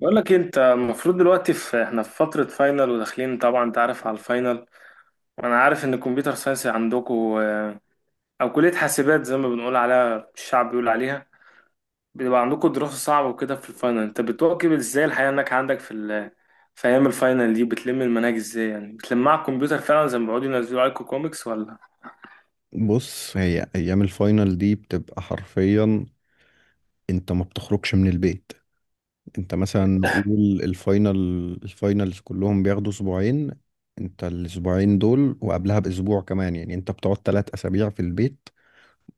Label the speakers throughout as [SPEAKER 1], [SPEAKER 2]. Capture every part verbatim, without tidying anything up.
[SPEAKER 1] بقول لك انت المفروض دلوقتي في احنا في فترة فاينل وداخلين، طبعا انت عارف على الفاينل. وانا عارف ان الكمبيوتر ساينس عندكم، او كلية حاسبات زي ما بنقول عليها، الشعب بيقول عليها بيبقى عندكم دراسة صعبة وكده. في الفاينل انت بتواكب ازاي الحياة انك عندك في ال... في ايام الفاينل دي بتلم المناهج ازاي؟ يعني بتلمها على الكمبيوتر فعلا زي ما بيقعدوا ينزلوا عليكم كوميكس ولا
[SPEAKER 2] بص، هي ايام الفاينل دي بتبقى حرفيا. انت ما بتخرجش من البيت. انت مثلا نقول الفاينل الفاينلز كلهم بياخدوا اسبوعين. انت الاسبوعين دول وقبلها باسبوع كمان، يعني انت بتقعد ثلاث اسابيع في البيت،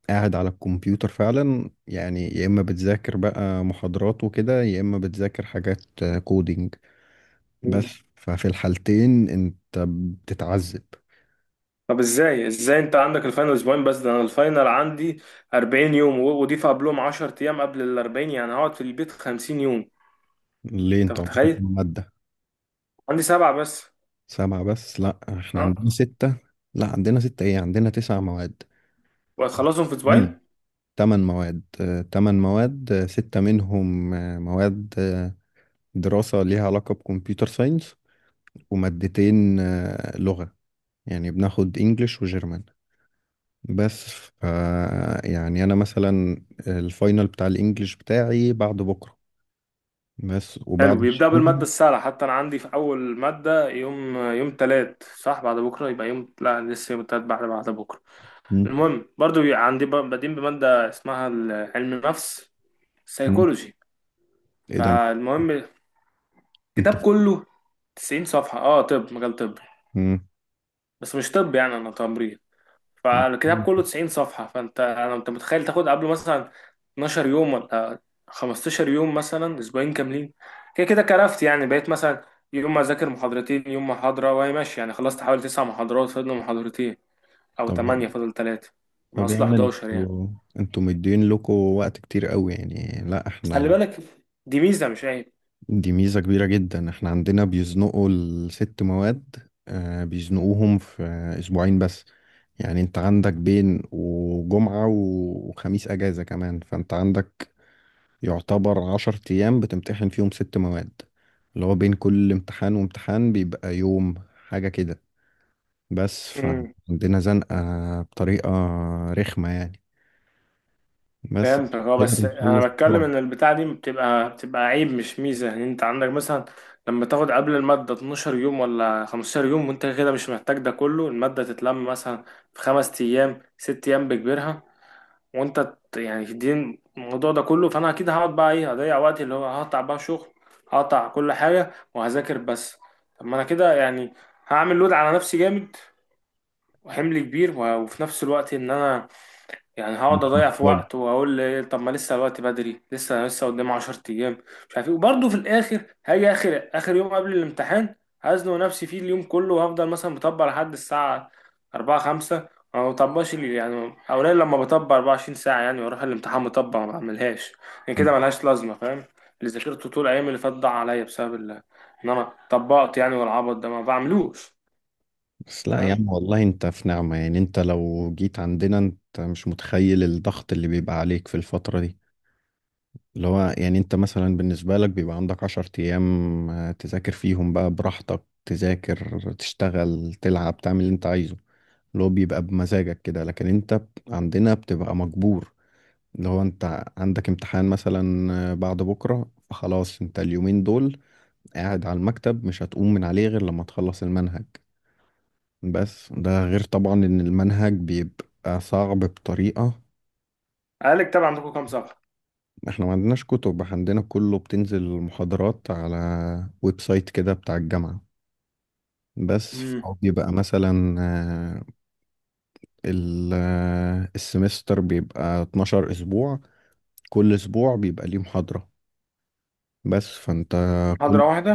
[SPEAKER 2] قاعد على الكمبيوتر فعلا. يعني يا اما بتذاكر بقى محاضرات وكده، يا اما بتذاكر حاجات كودينج، بس.
[SPEAKER 1] مم.
[SPEAKER 2] ففي الحالتين انت بتتعذب.
[SPEAKER 1] طب ازاي، ازاي انت عندك الفاينل اسبوعين بس؟ ده انا الفاينل عندي أربعين يوم و- وضيف قبلهم عشر ايام قبل ال أربعين، يعني هقعد في البيت خمسين يوم.
[SPEAKER 2] ليه؟
[SPEAKER 1] انت
[SPEAKER 2] انت عندكم
[SPEAKER 1] متخيل؟
[SPEAKER 2] مادة؟
[SPEAKER 1] عندي سبعة بس.
[SPEAKER 2] سبعة بس؟ لا، احنا
[SPEAKER 1] اه،
[SPEAKER 2] عندنا ستة. لا، عندنا ستة، ايه، عندنا تسع مواد،
[SPEAKER 1] وهتخلصهم في
[SPEAKER 2] يعني
[SPEAKER 1] اسبوعين؟
[SPEAKER 2] تمن مواد، آه، تمن مواد، آه، ستة منهم، آه، مواد، آه، دراسة ليها علاقة بكمبيوتر ساينس، ومادتين آه، لغة، يعني بناخد انجليش وجيرمان، بس. ف يعني انا مثلا، الفاينل بتاع الانجليش بتاعي بعد بكرة، بس، وبعد
[SPEAKER 1] حلو، بيبدأ بالمادة
[SPEAKER 2] الشغل.
[SPEAKER 1] السهلة. حتى انا عندي في اول مادة يوم، يوم تلات صح؟ بعد بكرة يبقى يوم، لا لسه يوم تلات بعد بعد بكرة.
[SPEAKER 2] مم.
[SPEAKER 1] المهم برضو بيبقى عندي ب- بادئين بمادة اسمها ال- علم النفس،
[SPEAKER 2] مم.
[SPEAKER 1] سيكولوجي.
[SPEAKER 2] ايه ده؟
[SPEAKER 1] فالمهم
[SPEAKER 2] انت.
[SPEAKER 1] الكتاب كله تسعين صفحة. اه، طب مجال طب؟
[SPEAKER 2] مم.
[SPEAKER 1] بس مش طب، يعني انا تمريض. فالكتاب كله تسعين صفحة، فانت انا انت متخيل تاخد قبله مثلا اتناشر يوم ولا خمستاشر يوم مثلا، اسبوعين كاملين، كده كده كرفت. يعني بقيت مثلا يوم ما اذاكر محاضرتين، يوم محاضرة، وهي ماشي. يعني خلصت حوالي تسع محاضرات، فاضل محاضرتين او
[SPEAKER 2] طب، يعني،
[SPEAKER 1] تمنية فاضل تلاتة، من
[SPEAKER 2] طب يا
[SPEAKER 1] اصل
[SPEAKER 2] عم،
[SPEAKER 1] حداشر يعني.
[SPEAKER 2] انتوا انتوا مدين لكم وقت كتير قوي، يعني. لا،
[SPEAKER 1] خلي
[SPEAKER 2] احنا،
[SPEAKER 1] بالك، دي ميزة مش
[SPEAKER 2] دي ميزة كبيرة جدا. احنا عندنا بيزنقوا الست مواد، آه، بيزنقوهم في اسبوعين بس. يعني انت عندك بين وجمعة و- وخميس اجازة كمان، فانت عندك يعتبر عشر ايام بتمتحن فيهم ست مواد، اللي هو بين كل امتحان وامتحان بيبقى يوم، حاجة كده. بس
[SPEAKER 1] عيب.
[SPEAKER 2] فعندنا زنقة بطريقة رخمة، يعني، بس.
[SPEAKER 1] فهمتك، اه،
[SPEAKER 2] كده
[SPEAKER 1] بس
[SPEAKER 2] بنخلص
[SPEAKER 1] انا بتكلم
[SPEAKER 2] بسرعة.
[SPEAKER 1] ان البتاعه دي بتبقى بتبقى عيب مش ميزه. يعني انت عندك مثلا لما تاخد قبل الماده اتناشر يوم ولا خمستاشر يوم، وانت كده مش محتاج ده كله، الماده تتلم مثلا في خمس ايام ست ايام بكبرها، وانت ت- يعني دي الموضوع ده كله. فانا اكيد هقعد بقى ايه، هضيع وقتي اللي هو هقطع بقى شغل، هقطع كل حاجه وهذاكر بس. طب ما انا كده يعني هعمل لود على نفسي جامد وحمل كبير و- وفي نفس الوقت ان انا يعني هقعد
[SPEAKER 2] مش
[SPEAKER 1] اضيع في
[SPEAKER 2] محتاج.
[SPEAKER 1] وقت واقول لي طب ما لسه الوقت بدري، لسه انا لسه قدام عشر ايام، مش عارف ايه، وبرضه في الاخر هاجي اخر اخر يوم قبل الامتحان هزنق نفسي فيه اليوم كله وهفضل مثلا مطبق لحد الساعه الرابعة خمسة. ما بطبقش لي- يعني اولا لما بطبق أربعة وعشرين ساعه يعني واروح الامتحان مطبق ما بعملهاش. يعني كده ملهاش لازمه، فاهم؟ اللي ذاكرته طول الايام اللي فاتت ضاع عليا بسبب ال- ان انا طبقت، يعني والعبط ده ما بعملوش.
[SPEAKER 2] بس لا يا
[SPEAKER 1] فاهم.
[SPEAKER 2] عم، والله انت في نعمة. يعني انت لو جيت عندنا انت مش متخيل الضغط اللي بيبقى عليك في الفترة دي. اللي هو يعني انت مثلا بالنسبة لك بيبقى عندك عشر ايام، آه، تذاكر فيهم بقى براحتك، تذاكر، تشتغل، تلعب، تعمل اللي انت عايزه، اللي هو بيبقى بمزاجك كده. لكن انت ب- عندنا بتبقى مجبور، اللي هو انت عندك امتحان مثلا آه، بعد بكرة، فخلاص انت اليومين دول قاعد على المكتب، مش هتقوم من عليه غير لما تخلص المنهج. بس ده غير طبعا ان المنهج بيبقى صعب بطريقة.
[SPEAKER 1] قالك طبعا. عندكم كام صفحه؟
[SPEAKER 2] احنا ما عندناش كتب، عندنا كله بتنزل محاضرات على ويب سايت كده بتاع الجامعة. بس
[SPEAKER 1] امم
[SPEAKER 2] فهو بيبقى مثلا، آه، ال- آه، السمستر بيبقى اتناشر اسبوع. كل اسبوع بيبقى ليه محاضرة، بس. فانت، كل
[SPEAKER 1] محاضره واحده؟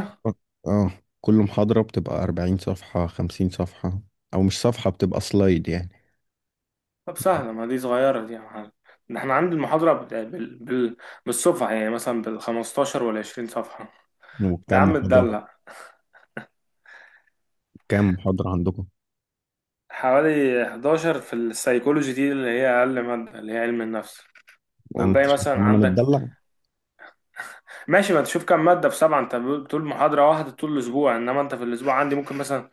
[SPEAKER 2] اه كل محاضرة بتبقى اربعين صفحة، خمسين صفحة، او مش صفحة، بتبقى سلايد، يعني.
[SPEAKER 1] طب سهلة، ما دي صغيرة دي يا معلم. ده احنا عند المحاضرة بال... بال... بال... بالصفحة، يعني مثلا بالخمستاشر والعشرين صفحة. انت يا
[SPEAKER 2] وكام
[SPEAKER 1] عم
[SPEAKER 2] محاضرة
[SPEAKER 1] تدلع.
[SPEAKER 2] كام محاضرة عندكم؟
[SPEAKER 1] حوالي حداشر في السيكولوجي دي اللي هي أقل مادة، اللي هي علم النفس.
[SPEAKER 2] انا، انت
[SPEAKER 1] وباقي
[SPEAKER 2] شايف
[SPEAKER 1] مثلا
[SPEAKER 2] ان انا
[SPEAKER 1] عندك،
[SPEAKER 2] متدلع؟
[SPEAKER 1] ماشي، ما تشوف كام مادة في سبعة. انت بتقول محاضرة واحدة طول الأسبوع، انما انت في الأسبوع عندي ممكن مثلا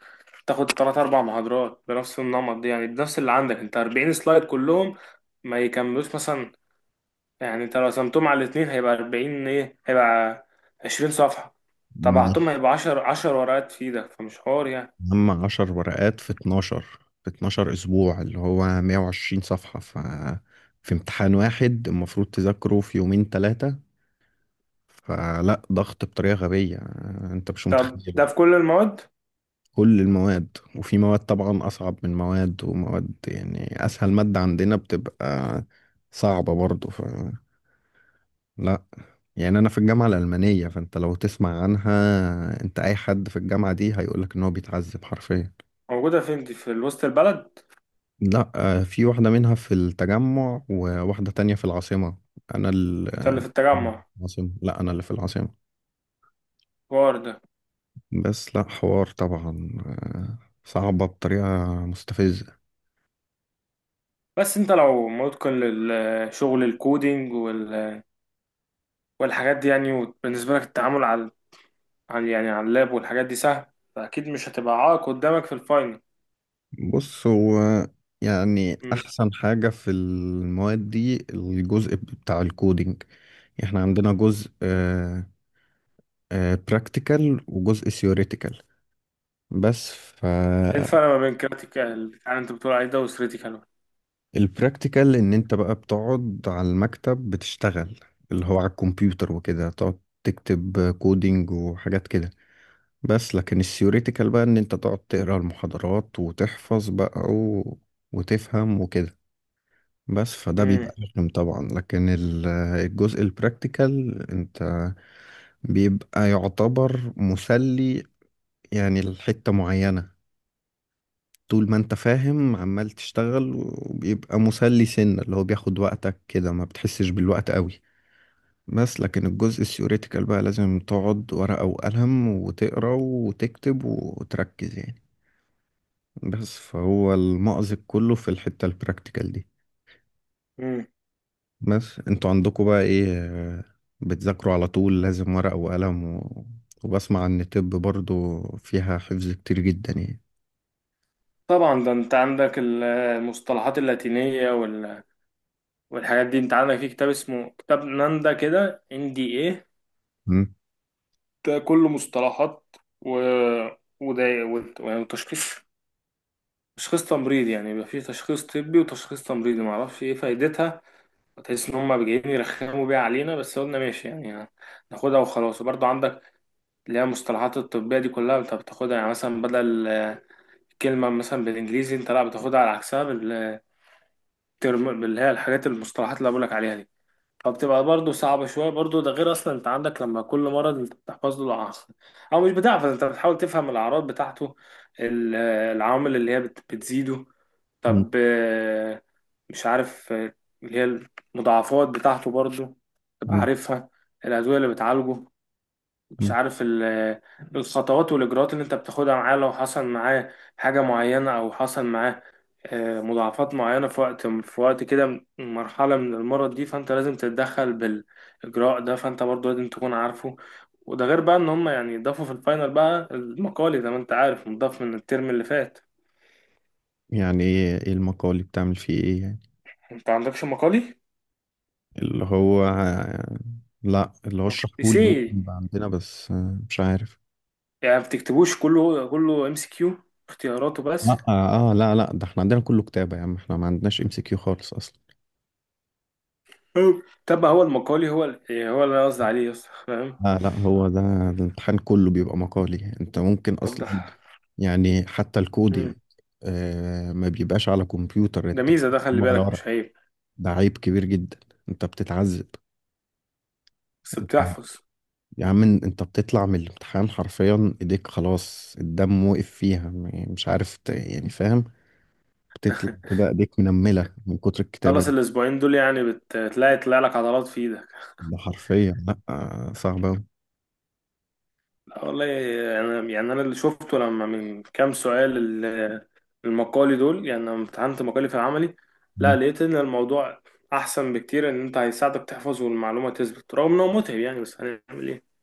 [SPEAKER 1] تاخد تلات أربع محاضرات بنفس النمط دي، يعني بنفس اللي عندك انت. أربعين سلايد كلهم ما يكملوش مثلا، يعني انت لو قسمتهم على الاتنين هيبقى أربعين ايه، هيبقى عشرين صفحة. طبعتهم
[SPEAKER 2] ماشي.
[SPEAKER 1] هيبقى عشرة، عشر ورقات في ده، فمش حوار يعني.
[SPEAKER 2] هم عشر ورقات في اتناشر في اتناشر أسبوع، اللي هو مية وعشرين صفحة. ف في امتحان واحد المفروض تذاكره في يومين تلاتة. فلا، ضغط بطريقة غبية، أنت مش
[SPEAKER 1] طب
[SPEAKER 2] متخيل.
[SPEAKER 1] ده في كل المواد؟
[SPEAKER 2] كل المواد، وفي مواد طبعا أصعب من مواد ومواد، يعني أسهل مادة عندنا بتبقى صعبة برضو. فلا، يعني أنا في الجامعة الألمانية، فأنت لو تسمع عنها، أنت، أي حد في الجامعة دي هيقولك إن هو بيتعذب حرفيا.
[SPEAKER 1] موجودة فين دي، في وسط البلد؟
[SPEAKER 2] لا، آه، في واحدة منها في التجمع، وواحدة تانية في العاصمة. أنا، ال-
[SPEAKER 1] انت اللي في
[SPEAKER 2] أنا
[SPEAKER 1] التجمع؟
[SPEAKER 2] في العاصمة، لا أنا اللي في العاصمة.
[SPEAKER 1] حوار ده.
[SPEAKER 2] بس، لا، حوار طبعا. آه، صعبة بطريقة مستفزة.
[SPEAKER 1] بس انت لو متقن للشغل الكودينج وال- والحاجات دي، يعني وبالنسبة لك التعامل على على- يعني على اللاب والحاجات دي سهل، فأكيد مش هتبقى عائق قدامك في الفاينل.
[SPEAKER 2] بص، هو يعني
[SPEAKER 1] مم.
[SPEAKER 2] أحسن حاجة في المواد دي الجزء بتاع الكودينج. احنا عندنا جزء براكتيكال وجزء ثيوريتيكال، بس. ف
[SPEAKER 1] ايه الفرق ما بين كريتيكال، يعني انت بتقول عليه ده، وكريتيكال؟
[SPEAKER 2] البراكتيكال، ان انت بقى بتقعد على المكتب بتشتغل، اللي هو على الكمبيوتر، وكده تقعد تكتب كودينج وحاجات كده، بس. لكن الثيوريتيكال بقى، ان انت تقعد تقرا المحاضرات وتحفظ بقى و... وتفهم وكده، بس. فده بيبقى رخم طبعا، لكن ال- الجزء البراكتيكال انت بيبقى يعتبر مسلي، يعني لحتة معينة. طول ما انت فاهم، عمال تشتغل، وبيبقى مسلي سنة، اللي هو بياخد وقتك كده، ما بتحسش بالوقت قوي. بس لكن الجزء الثيوريتيكال بقى لازم تقعد ورقة وقلم، وتقرا وتكتب وتركز، يعني. بس فهو المأزق كله في الحتة البراكتيكال دي، بس. انتوا عندكم بقى ايه؟ آه، بتذاكروا على طول لازم ورقة وقلم و... وبسمع ان طب برضو فيها حفظ كتير جدا، يعني.
[SPEAKER 1] طبعا ده انت عندك ال- المصطلحات اللاتينية وال- والحاجات دي. انت عندك في كتاب اسمه كتاب ناندا كده ان دي ايه؟
[SPEAKER 2] مم.
[SPEAKER 1] ده كله مصطلحات، و وده وت- يعني وتشخيص، تشخيص تمريضي، يعني يبقى في تشخيص طبي وتشخيص تمريضي. معرفش ايه فايدتها، تحس ان هم جايين يرخموا بيها علينا، بس قلنا ماشي يعني، ناخدها وخلاص. وبرضه عندك اللي هي المصطلحات الطبية دي كلها، انت بتاخدها يعني مثلا بدل آه، كلمة مثلا بالانجليزي انت لا بتاخدها على عكسها، ترم، اللي هي الحاجات المصطلحات اللي أنا بقولك عليها دي. فبتبقى برضه صعبة شوية. برضه ده غير أصلا أنت عندك لما كل مرض أنت بتحفظ له الأعراض، أو مش بتحفظ، أنت بتحاول تفهم الأعراض بتاعته، ال- العوامل اللي هي بت- بتزيده،
[SPEAKER 2] مم.
[SPEAKER 1] طب آه، مش عارف آه، اللي هي المضاعفات بتاعته برضه تبقى عارفها، الأدوية اللي بتعالجه، مش
[SPEAKER 2] مم.
[SPEAKER 1] عارف ال- الخطوات والإجراءات اللي أنت بتاخدها معاه لو حصل معاه حاجة معينة أو حصل معاه آه، مضاعفات معينة في وقت، في وقت كده م- مرحلة من المرض دي، فأنت لازم تتدخل بالإجراء ده، فأنت برضه لازم تكون عارفه. وده غير بقى إن هم يعني ضافوا في الفاينل بقى المقالي زي ما أنت عارف، مضاف من الترم اللي فات.
[SPEAKER 2] يعني ايه؟ إيه المقالي بتعمل فيه ايه يعني؟
[SPEAKER 1] أنت عندكش مقالي؟
[SPEAKER 2] اللي هو لا، اللي هو
[SPEAKER 1] مق-
[SPEAKER 2] اشرحهولي،
[SPEAKER 1] سي،
[SPEAKER 2] ممكن يبقى عندنا، بس آه، مش عارف.
[SPEAKER 1] يعني ما بتكتبوش كله كله، ام سي كيو، اختياراته
[SPEAKER 2] لا،
[SPEAKER 1] بس.
[SPEAKER 2] اه آه، لا، لا، ده احنا عندنا كله كتابة يا عم. احنا ما عندناش ام سي كيو خالص اصلا.
[SPEAKER 1] أوه. طب هو المقالي هو ال- هو اللي أنا قصدي عليه، يس، فاهم.
[SPEAKER 2] لا، لا، هو ده. الامتحان كله بيبقى مقالي. انت ممكن
[SPEAKER 1] طب
[SPEAKER 2] اصلا،
[SPEAKER 1] ده
[SPEAKER 2] يعني حتى الكودينج
[SPEAKER 1] مم.
[SPEAKER 2] آه ما بيبقاش على كمبيوتر،
[SPEAKER 1] ده
[SPEAKER 2] انت
[SPEAKER 1] ميزة ده، خلي
[SPEAKER 2] هو على
[SPEAKER 1] بالك
[SPEAKER 2] ورق.
[SPEAKER 1] مش عيب.
[SPEAKER 2] ده عيب كبير جدا. انت بتتعذب.
[SPEAKER 1] بس
[SPEAKER 2] انت-
[SPEAKER 1] بتحفظ.
[SPEAKER 2] يا عم، انت بتطلع من الامتحان حرفيا، ايديك خلاص الدم وقف فيها، م- مش عارف، ت- يعني، فاهم؟ بتطلع كده ايديك منملة من كتر الكتابة
[SPEAKER 1] خلص
[SPEAKER 2] اللي...
[SPEAKER 1] الأسبوعين دول يعني بتلاقي، تلاقي لك عضلات في إيدك.
[SPEAKER 2] ده حرفيا، لا، صعبة أوي.
[SPEAKER 1] لا والله، يعني, يعني أنا اللي شفته لما من كام سؤال، ال- المقالي دول، يعني لما امتحنت مقالي في العملي، لا
[SPEAKER 2] مم.
[SPEAKER 1] لقيت إن الموضوع أحسن بكتير. إن أنت هيساعدك تحفظ والمعلومة تثبت، رغم إنه متعب يعني، بس هنعمل إيه.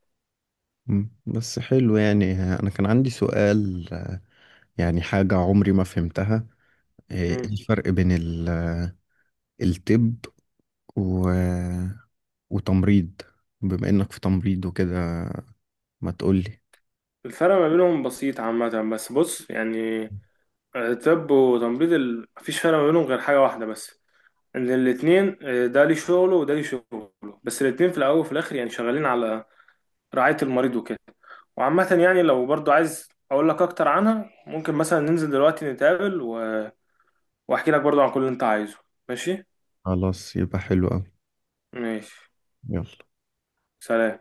[SPEAKER 2] مم. بس، حلو. يعني انا كان عندي سؤال، يعني حاجة عمري ما فهمتها. آه، إيه
[SPEAKER 1] مم.
[SPEAKER 2] الفرق بين ال- الطب و... وتمريض، بما انك في تمريض وكده؟ ما تقولي.
[SPEAKER 1] الفرق ما بينهم بسيط عامة، بس بص يعني. طب وتمريض ال... مفيش فرق ما بينهم غير حاجة واحدة بس، ان الاثنين ده ليه شغله وده ليه شغله، بس الاثنين في الاول وفي الاخر يعني شغالين على رعاية المريض وكده. وعامة يعني لو برضو عايز اقول لك اكتر عنها، ممكن مثلا ننزل دلوقتي نتقابل و... واحكي لك برضو عن كل اللي انت عايزه. ماشي.
[SPEAKER 2] خلاص، يبقى حلو قوي.
[SPEAKER 1] ماشي.
[SPEAKER 2] يلا.
[SPEAKER 1] سلام.